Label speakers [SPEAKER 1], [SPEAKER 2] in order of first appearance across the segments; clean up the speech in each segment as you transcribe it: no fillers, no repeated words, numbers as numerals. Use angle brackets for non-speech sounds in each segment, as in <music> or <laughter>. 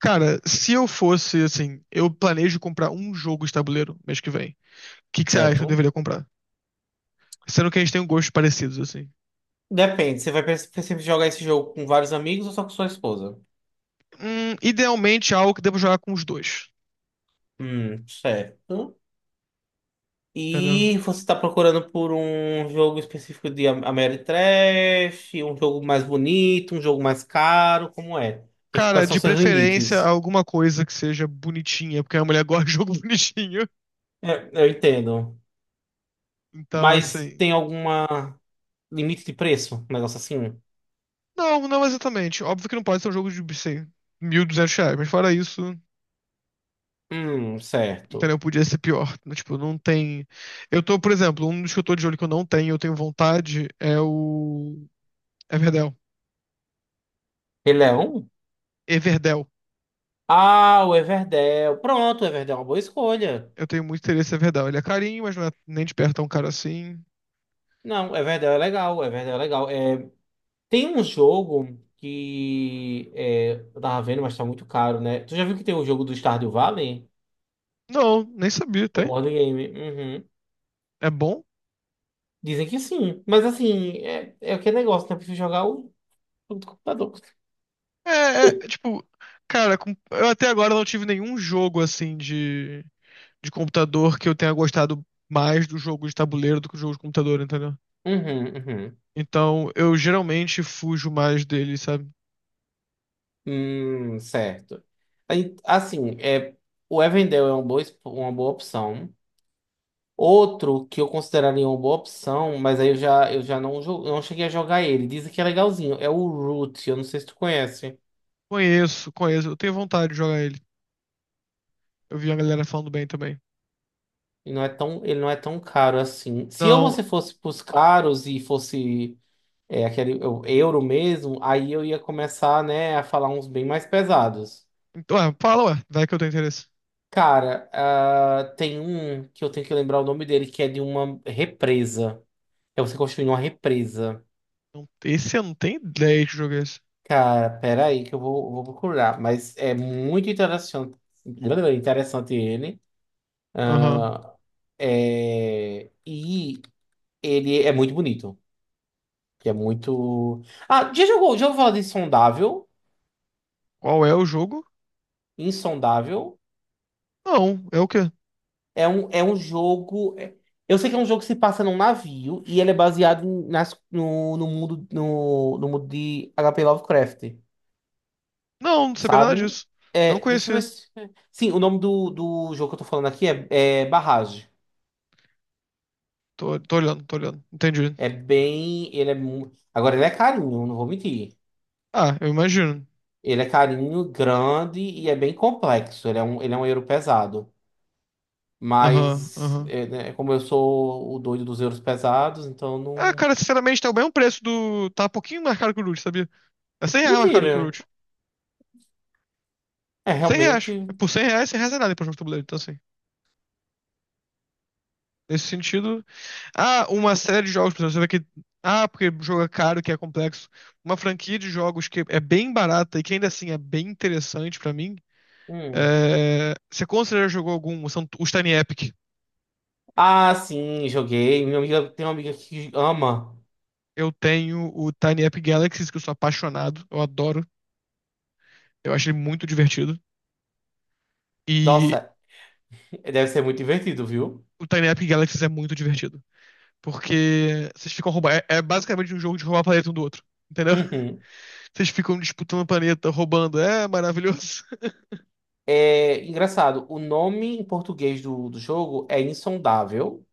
[SPEAKER 1] Cara, se eu fosse assim, eu planejo comprar um jogo de tabuleiro mês que vem. O que que você acha que eu
[SPEAKER 2] Certo?
[SPEAKER 1] deveria comprar? Sendo que a gente tem um gosto parecidos, assim.
[SPEAKER 2] Depende, você vai sempre jogar esse jogo com vários amigos ou só com sua esposa?
[SPEAKER 1] Idealmente algo que devo jogar com os dois.
[SPEAKER 2] Certo.
[SPEAKER 1] Entendeu?
[SPEAKER 2] E você está procurando por um jogo específico de Ameritrash, um jogo mais bonito, um jogo mais caro, como é?
[SPEAKER 1] Cara,
[SPEAKER 2] Quais são
[SPEAKER 1] de
[SPEAKER 2] seus
[SPEAKER 1] preferência
[SPEAKER 2] limites?
[SPEAKER 1] alguma coisa que seja bonitinha, porque a mulher <laughs> gosta de jogo <laughs> bonitinho.
[SPEAKER 2] É, eu entendo.
[SPEAKER 1] Então,
[SPEAKER 2] Mas
[SPEAKER 1] assim.
[SPEAKER 2] tem alguma limite de preço? Um negócio assim?
[SPEAKER 1] Não, não exatamente. Óbvio que não pode ser um jogo de, sei, 1.200 reais, mas fora isso,
[SPEAKER 2] Certo.
[SPEAKER 1] entendeu? Podia ser pior. Tipo, não tem. Eu tô, por exemplo, um dos que eu tô de olho que eu não tenho, eu tenho vontade, é o. Everdell.
[SPEAKER 2] Ele é um?
[SPEAKER 1] Everdell.
[SPEAKER 2] Ah, o Everdell. Pronto, o Everdell é uma boa escolha.
[SPEAKER 1] Eu tenho muito interesse em Everdell. Ele é carinho, mas não é nem de perto tão caro assim.
[SPEAKER 2] Não, o Everdell é legal, o Everdell é legal. É, tem um jogo que é, eu tava vendo, mas tá muito caro, né? Tu já viu que tem um jogo do Stardew Valley?
[SPEAKER 1] Não, nem sabia,
[SPEAKER 2] O
[SPEAKER 1] tem.
[SPEAKER 2] board game? Uhum.
[SPEAKER 1] É bom?
[SPEAKER 2] Dizem que sim. Mas assim, é, é aquele negócio, né? Eu prefiro jogar o jogo do computador.
[SPEAKER 1] É, tipo, cara, eu até agora não tive nenhum jogo assim de computador que eu tenha gostado mais do jogo de tabuleiro do que o jogo de computador, entendeu?
[SPEAKER 2] Uhum, uhum.
[SPEAKER 1] Então, eu geralmente fujo mais dele, sabe?
[SPEAKER 2] Certo. Aí, assim, é, o Evendel é uma boa, uma boa opção. Outro que eu consideraria uma boa opção, mas aí eu já não, eu não cheguei a jogar ele. Dizem que é legalzinho. É o Root, eu não sei se tu conhece.
[SPEAKER 1] Conheço, conheço. Eu tenho vontade de jogar ele. Eu vi a galera falando bem também.
[SPEAKER 2] Ele não é tão, ele não é tão caro assim. Se eu
[SPEAKER 1] Não,
[SPEAKER 2] você fosse pros caros e fosse é, aquele o euro mesmo, aí eu ia começar, né, a falar uns bem mais pesados.
[SPEAKER 1] então, ué, fala, ué, vai que eu tenho interesse.
[SPEAKER 2] Cara, ah, tem um que eu tenho que lembrar o nome dele, que é de uma represa. É você construir uma represa.
[SPEAKER 1] Não, esse eu não tenho ideia de jogar esse.
[SPEAKER 2] Cara, pera aí que eu vou, vou procurar. Mas é muito interessante, <laughs> interessante ele.
[SPEAKER 1] Aham.
[SPEAKER 2] É, e ele é muito bonito. Que é muito. Ah, já jogou, já ouviu falar de Insondável?
[SPEAKER 1] Qual é o jogo?
[SPEAKER 2] Insondável
[SPEAKER 1] Não, é o quê?
[SPEAKER 2] é um jogo. Eu sei que é um jogo que se passa num navio e ele é baseado nas, no, no mundo no, no mundo de HP Lovecraft,
[SPEAKER 1] Não, não sabia nada
[SPEAKER 2] sabe?
[SPEAKER 1] disso. Não
[SPEAKER 2] É, deixa eu ver
[SPEAKER 1] conhecia.
[SPEAKER 2] se. Sim, o nome do jogo que eu tô falando aqui é, é Barrage.
[SPEAKER 1] Tô olhando, tô olhando. Entendi.
[SPEAKER 2] É bem. Ele é. Agora ele é carinho, não vou mentir.
[SPEAKER 1] Ah, eu imagino.
[SPEAKER 2] Ele é carinho, grande e é bem complexo. Ele é um euro pesado.
[SPEAKER 1] Aham,
[SPEAKER 2] Mas,
[SPEAKER 1] aham.
[SPEAKER 2] é, né, como eu sou o doido dos euros pesados, então
[SPEAKER 1] Ah,
[SPEAKER 2] não.
[SPEAKER 1] cara, sinceramente, tá o mesmo preço do. Tá um pouquinho mais caro que o Root, sabia? É 100 reais mais caro que o
[SPEAKER 2] Mentira.
[SPEAKER 1] Root.
[SPEAKER 2] É
[SPEAKER 1] 100 reais. É,
[SPEAKER 2] realmente.
[SPEAKER 1] por 100 reais, 100 reais é nada pra jogo de tabuleiro. Então, assim. Nesse sentido. Ah, uma série de jogos, por exemplo, você vê que. Ah, porque jogo é caro, que é complexo. Uma franquia de jogos que é bem barata e que ainda assim é bem interessante pra mim.
[SPEAKER 2] Hum.
[SPEAKER 1] É... Você considera jogou algum? São os Tiny Epic.
[SPEAKER 2] Ah, sim, joguei. Minha amiga tem uma amiga que ama.
[SPEAKER 1] Eu tenho o Tiny Epic Galaxies, que eu sou apaixonado, eu adoro, eu acho ele muito divertido. E
[SPEAKER 2] Nossa, deve ser muito divertido, viu?
[SPEAKER 1] o Tiny Epic Galaxies é muito divertido, porque vocês ficam roubando. É basicamente um jogo de roubar planeta um do outro, entendeu?
[SPEAKER 2] Uhum.
[SPEAKER 1] <laughs> Vocês ficam disputando o planeta, roubando. É maravilhoso. <laughs>
[SPEAKER 2] É engraçado. O nome em português do jogo é Insondável,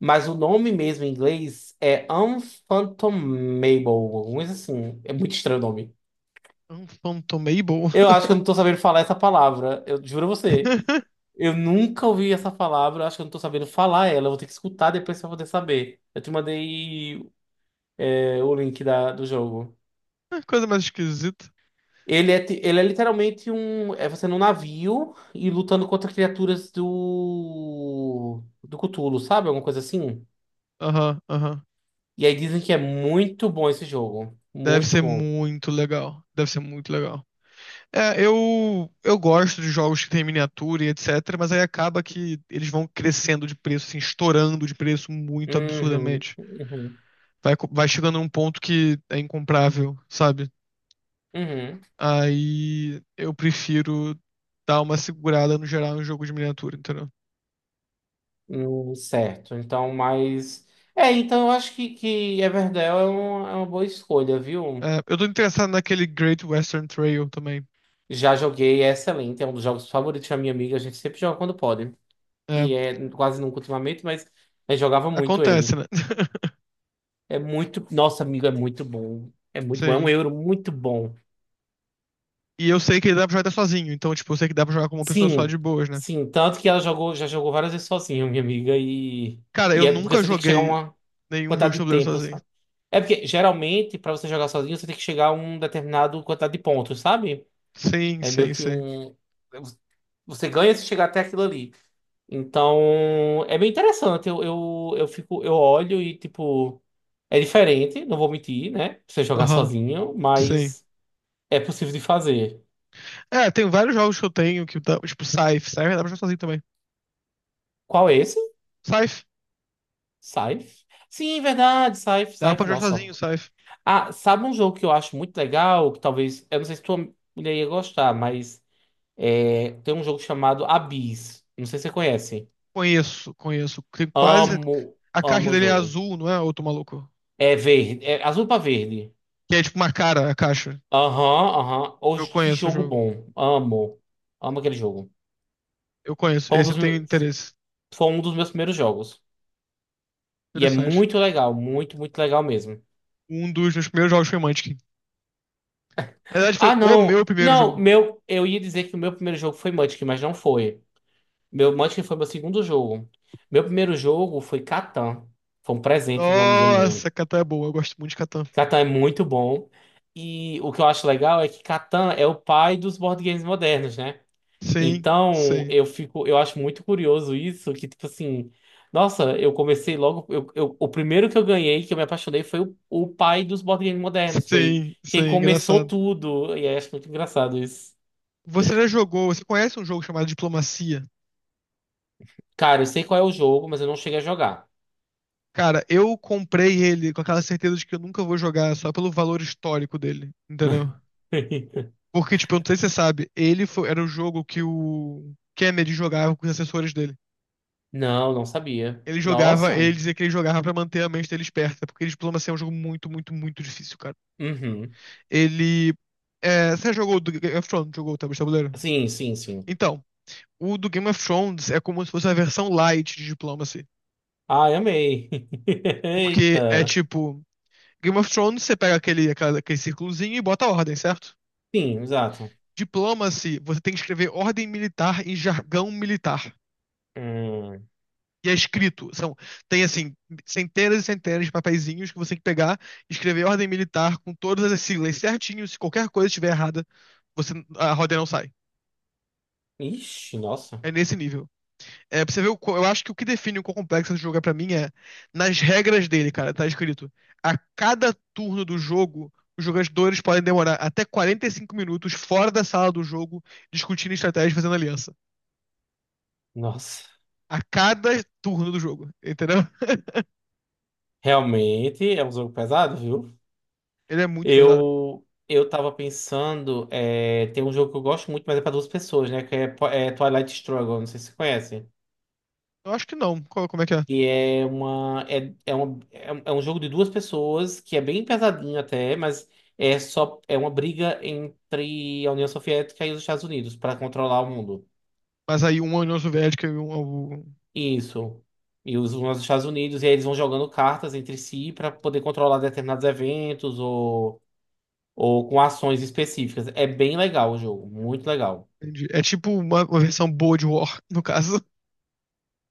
[SPEAKER 2] mas o nome mesmo em inglês é Unfathomable, alguma coisa assim. É muito estranho o nome.
[SPEAKER 1] É Um Phantom Mabel.
[SPEAKER 2] Eu acho que eu não tô sabendo falar essa palavra. Eu juro a você.
[SPEAKER 1] <laughs>
[SPEAKER 2] Eu nunca ouvi essa palavra, acho que eu não tô sabendo falar ela. Eu vou ter que escutar depois pra poder saber. Eu te mandei, é, o link do jogo.
[SPEAKER 1] Coisa mais esquisita.
[SPEAKER 2] Ele é, ele é literalmente um. É você num navio e lutando contra criaturas do. Do Cthulhu, sabe? Alguma coisa assim.
[SPEAKER 1] Aham, aham.
[SPEAKER 2] E aí dizem que é muito bom esse jogo.
[SPEAKER 1] Deve
[SPEAKER 2] Muito
[SPEAKER 1] ser
[SPEAKER 2] bom.
[SPEAKER 1] muito legal. Deve ser muito legal. É, eu gosto de jogos que tem miniatura e etc, mas aí acaba que eles vão crescendo de preço, assim, estourando de preço muito
[SPEAKER 2] Uhum,
[SPEAKER 1] absurdamente.
[SPEAKER 2] uhum,
[SPEAKER 1] Vai, vai chegando num ponto que é incomprável, sabe?
[SPEAKER 2] uhum.
[SPEAKER 1] Aí eu prefiro dar uma segurada no geral em jogo de miniatura, entendeu?
[SPEAKER 2] Certo. Então, mas. É, então eu acho que Everdell é, um, é uma boa escolha, viu?
[SPEAKER 1] É, eu tô interessado naquele Great Western Trail também.
[SPEAKER 2] Já joguei, é excelente, é um dos jogos favoritos da minha amiga, a gente sempre joga quando pode.
[SPEAKER 1] É,
[SPEAKER 2] E é quase nunca ultimamente, mas eu jogava muito
[SPEAKER 1] acontece,
[SPEAKER 2] ele.
[SPEAKER 1] né? <laughs>
[SPEAKER 2] É muito. Nossa, amigo, é muito bom. É muito bom, é um
[SPEAKER 1] Sim.
[SPEAKER 2] euro muito bom.
[SPEAKER 1] E eu sei que ele dá pra jogar até sozinho, então, tipo, eu sei que dá pra jogar com uma pessoa só de
[SPEAKER 2] Sim,
[SPEAKER 1] boas, né?
[SPEAKER 2] sim. Tanto que ela jogou, já jogou várias vezes sozinha, minha amiga,
[SPEAKER 1] Cara, eu
[SPEAKER 2] e é porque
[SPEAKER 1] nunca
[SPEAKER 2] você tem que chegar a
[SPEAKER 1] joguei
[SPEAKER 2] uma
[SPEAKER 1] nenhum jogo de
[SPEAKER 2] quantidade de
[SPEAKER 1] tabuleiro
[SPEAKER 2] tempo,
[SPEAKER 1] sozinho.
[SPEAKER 2] sabe? É porque geralmente, pra você jogar sozinho, você tem que chegar a um determinado quantidade de pontos, sabe?
[SPEAKER 1] Sim,
[SPEAKER 2] É meio
[SPEAKER 1] sim,
[SPEAKER 2] que
[SPEAKER 1] sim.
[SPEAKER 2] um. Você ganha se chegar até aquilo ali. Então, é bem interessante. Eu fico, eu olho e, tipo, é diferente, não vou mentir, né? Você jogar
[SPEAKER 1] Aham,
[SPEAKER 2] sozinho,
[SPEAKER 1] sim.
[SPEAKER 2] mas é possível de fazer.
[SPEAKER 1] É, tem vários jogos que eu tenho que dá, tipo Scythe. Scythe dá pra jogar sozinho também.
[SPEAKER 2] Qual é esse?
[SPEAKER 1] Scythe,
[SPEAKER 2] Scythe? Sim, verdade, Scythe,
[SPEAKER 1] dá pra
[SPEAKER 2] Scythe,
[SPEAKER 1] jogar
[SPEAKER 2] nossa.
[SPEAKER 1] sozinho, Scythe.
[SPEAKER 2] Ah, sabe um jogo que eu acho muito legal, que talvez, eu não sei se tua mulher ia gostar, mas é, tem um jogo chamado Abyss. Não sei se você conhece.
[SPEAKER 1] Conheço, conheço. Tem quase.
[SPEAKER 2] Amo,
[SPEAKER 1] A caixa
[SPEAKER 2] amo o
[SPEAKER 1] dele é
[SPEAKER 2] jogo.
[SPEAKER 1] azul, não é, outro maluco?
[SPEAKER 2] É verde, é azul pra verde.
[SPEAKER 1] Que é tipo uma cara, a caixa.
[SPEAKER 2] Aham, aham.
[SPEAKER 1] Eu
[SPEAKER 2] Hoje, que
[SPEAKER 1] conheço o
[SPEAKER 2] jogo
[SPEAKER 1] jogo.
[SPEAKER 2] bom. Amo. Amo aquele jogo.
[SPEAKER 1] Eu conheço.
[SPEAKER 2] Foi um
[SPEAKER 1] Esse eu
[SPEAKER 2] dos,
[SPEAKER 1] tenho interesse.
[SPEAKER 2] foi um dos meus primeiros jogos. E é
[SPEAKER 1] Interessante.
[SPEAKER 2] muito legal, muito, muito legal mesmo.
[SPEAKER 1] Um dos meus primeiros jogos foi Munchkin. Na verdade, foi
[SPEAKER 2] Ah,
[SPEAKER 1] o meu
[SPEAKER 2] não.
[SPEAKER 1] primeiro
[SPEAKER 2] Não,
[SPEAKER 1] jogo.
[SPEAKER 2] meu, eu ia dizer que o meu primeiro jogo foi Munchkin, mas não foi. Meu Munchkin foi meu segundo jogo. Meu primeiro jogo foi Catan. Foi um presente de uma amiga minha.
[SPEAKER 1] Nossa, Catan é boa. Eu gosto muito de Catan.
[SPEAKER 2] Catan é muito bom. E o que eu acho legal é que Catan é o pai dos board games modernos, né?
[SPEAKER 1] Sim,
[SPEAKER 2] Então,
[SPEAKER 1] sim.
[SPEAKER 2] eu fico, eu acho muito curioso isso, que tipo assim, nossa, eu comecei logo, eu o primeiro que eu ganhei, que eu me apaixonei, foi o pai dos board games modernos, foi
[SPEAKER 1] Sim,
[SPEAKER 2] quem
[SPEAKER 1] sim,
[SPEAKER 2] começou
[SPEAKER 1] engraçado.
[SPEAKER 2] tudo, e aí acho muito engraçado isso.
[SPEAKER 1] Você já jogou, você conhece um jogo chamado Diplomacia?
[SPEAKER 2] Cara, eu sei qual é o jogo, mas eu não cheguei a jogar.
[SPEAKER 1] Cara, eu comprei ele com aquela certeza de que eu nunca vou jogar só pelo valor histórico dele, entendeu?
[SPEAKER 2] <laughs>
[SPEAKER 1] Porque, tipo, eu não sei se você sabe, era o jogo que o Kennedy jogava com os assessores dele.
[SPEAKER 2] Não, não sabia.
[SPEAKER 1] Ele jogava, ele
[SPEAKER 2] Nossa.
[SPEAKER 1] dizia que ele jogava pra manter a mente dele esperta, porque Diplomacia é um jogo muito, muito, muito difícil, cara.
[SPEAKER 2] Uhum.
[SPEAKER 1] Ele. É, você já jogou o do Game of Thrones? Jogou o tabuleiro?
[SPEAKER 2] Sim, sim, sim.
[SPEAKER 1] Então, o do Game of Thrones é como se fosse a versão light de Diplomacy.
[SPEAKER 2] Ai, amei. <laughs>
[SPEAKER 1] Porque é
[SPEAKER 2] Eita.
[SPEAKER 1] tipo. Game of Thrones, você pega aquele círculozinho e bota a ordem, certo?
[SPEAKER 2] Sim, exato.
[SPEAKER 1] Diplomacy, você tem que escrever ordem militar em jargão militar.
[SPEAKER 2] Hum.
[SPEAKER 1] E é escrito. São, tem, assim, centenas e centenas de papeizinhos que você tem que pegar, escrever ordem militar com todas as siglas certinho. Se qualquer coisa estiver errada, você, a ordem não sai.
[SPEAKER 2] Ixi, nossa.
[SPEAKER 1] É nesse nível. É, pra você ver, eu acho que o que define o quão complexo esse jogo é pra mim é nas regras dele, cara. Tá escrito: a cada turno do jogo, os jogadores podem demorar até 45 minutos fora da sala do jogo discutindo estratégia e fazendo aliança.
[SPEAKER 2] Nossa.
[SPEAKER 1] A cada turno do jogo, entendeu?
[SPEAKER 2] Realmente é um jogo pesado, viu?
[SPEAKER 1] Ele é muito pesado.
[SPEAKER 2] Eu eu tava pensando, é, tem um jogo que eu gosto muito, mas é pra duas pessoas, né? Que é, é Twilight Struggle, não sei se você conhece.
[SPEAKER 1] Eu acho que não. Como é que é?
[SPEAKER 2] E é, uma, é um jogo de duas pessoas que é bem pesadinho até, mas é só é uma briga entre a União Soviética e os Estados Unidos pra controlar o mundo.
[SPEAKER 1] Mas aí um é a União Soviética e um é o.
[SPEAKER 2] Isso. E os Estados Unidos, e aí eles vão jogando cartas entre si pra poder controlar determinados eventos ou com ações específicas. É bem legal o jogo, muito legal.
[SPEAKER 1] Entendi. É tipo uma versão boa de War, <laughs> no caso.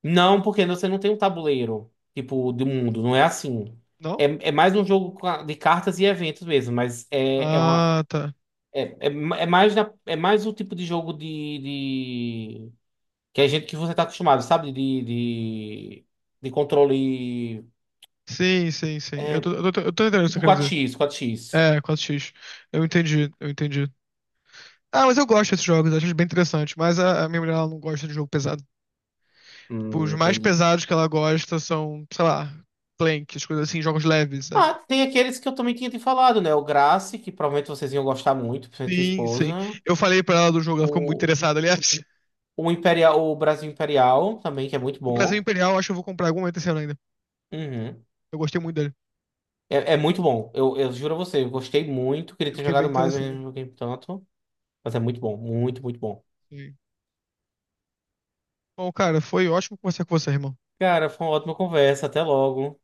[SPEAKER 2] Não, porque você não tem um tabuleiro, tipo, do mundo, não é assim.
[SPEAKER 1] Não?
[SPEAKER 2] É, é mais um jogo de cartas e eventos mesmo, mas é, é uma.
[SPEAKER 1] Ah, tá.
[SPEAKER 2] É, é, é mais é mais o tipo de jogo de, de- que a gente que você tá acostumado, sabe? De controle
[SPEAKER 1] Sim, sim, sim. Eu
[SPEAKER 2] é,
[SPEAKER 1] tô, eu tô, eu tô entendendo o que você
[SPEAKER 2] tipo
[SPEAKER 1] quer dizer.
[SPEAKER 2] 4x, 4x.
[SPEAKER 1] É, quatro x. Eu entendi, eu entendi. Ah, mas eu gosto desses jogos, acho eles bem interessante. Mas a minha mulher ela não gosta de jogo pesado. Tipo, os mais
[SPEAKER 2] Entendi.
[SPEAKER 1] pesados que ela gosta são, sei lá, Plank, as coisas assim, jogos leves, sabe?
[SPEAKER 2] Ah, tem aqueles que eu também tinha te falado, né? O Grace, que provavelmente vocês iam gostar muito, principalmente tua
[SPEAKER 1] Sim, sim.
[SPEAKER 2] esposa.
[SPEAKER 1] Eu falei pra ela do jogo, ela ficou muito interessada, aliás. <laughs>
[SPEAKER 2] O Imperial, o Brasil Imperial também, que é muito
[SPEAKER 1] O Brasil
[SPEAKER 2] bom.
[SPEAKER 1] Imperial, acho que eu vou comprar algum momento esse ano ainda.
[SPEAKER 2] Uhum.
[SPEAKER 1] Eu gostei muito dele.
[SPEAKER 2] É, é muito bom. Eu juro a você, eu gostei muito. Queria
[SPEAKER 1] Eu
[SPEAKER 2] ter
[SPEAKER 1] fiquei bem
[SPEAKER 2] jogado mais, mas
[SPEAKER 1] interessado.
[SPEAKER 2] não joguei tanto. Mas é muito bom, muito, muito bom.
[SPEAKER 1] Sim. Bom, cara, foi ótimo conversar com você, irmão.
[SPEAKER 2] Cara, foi uma ótima conversa. Até logo.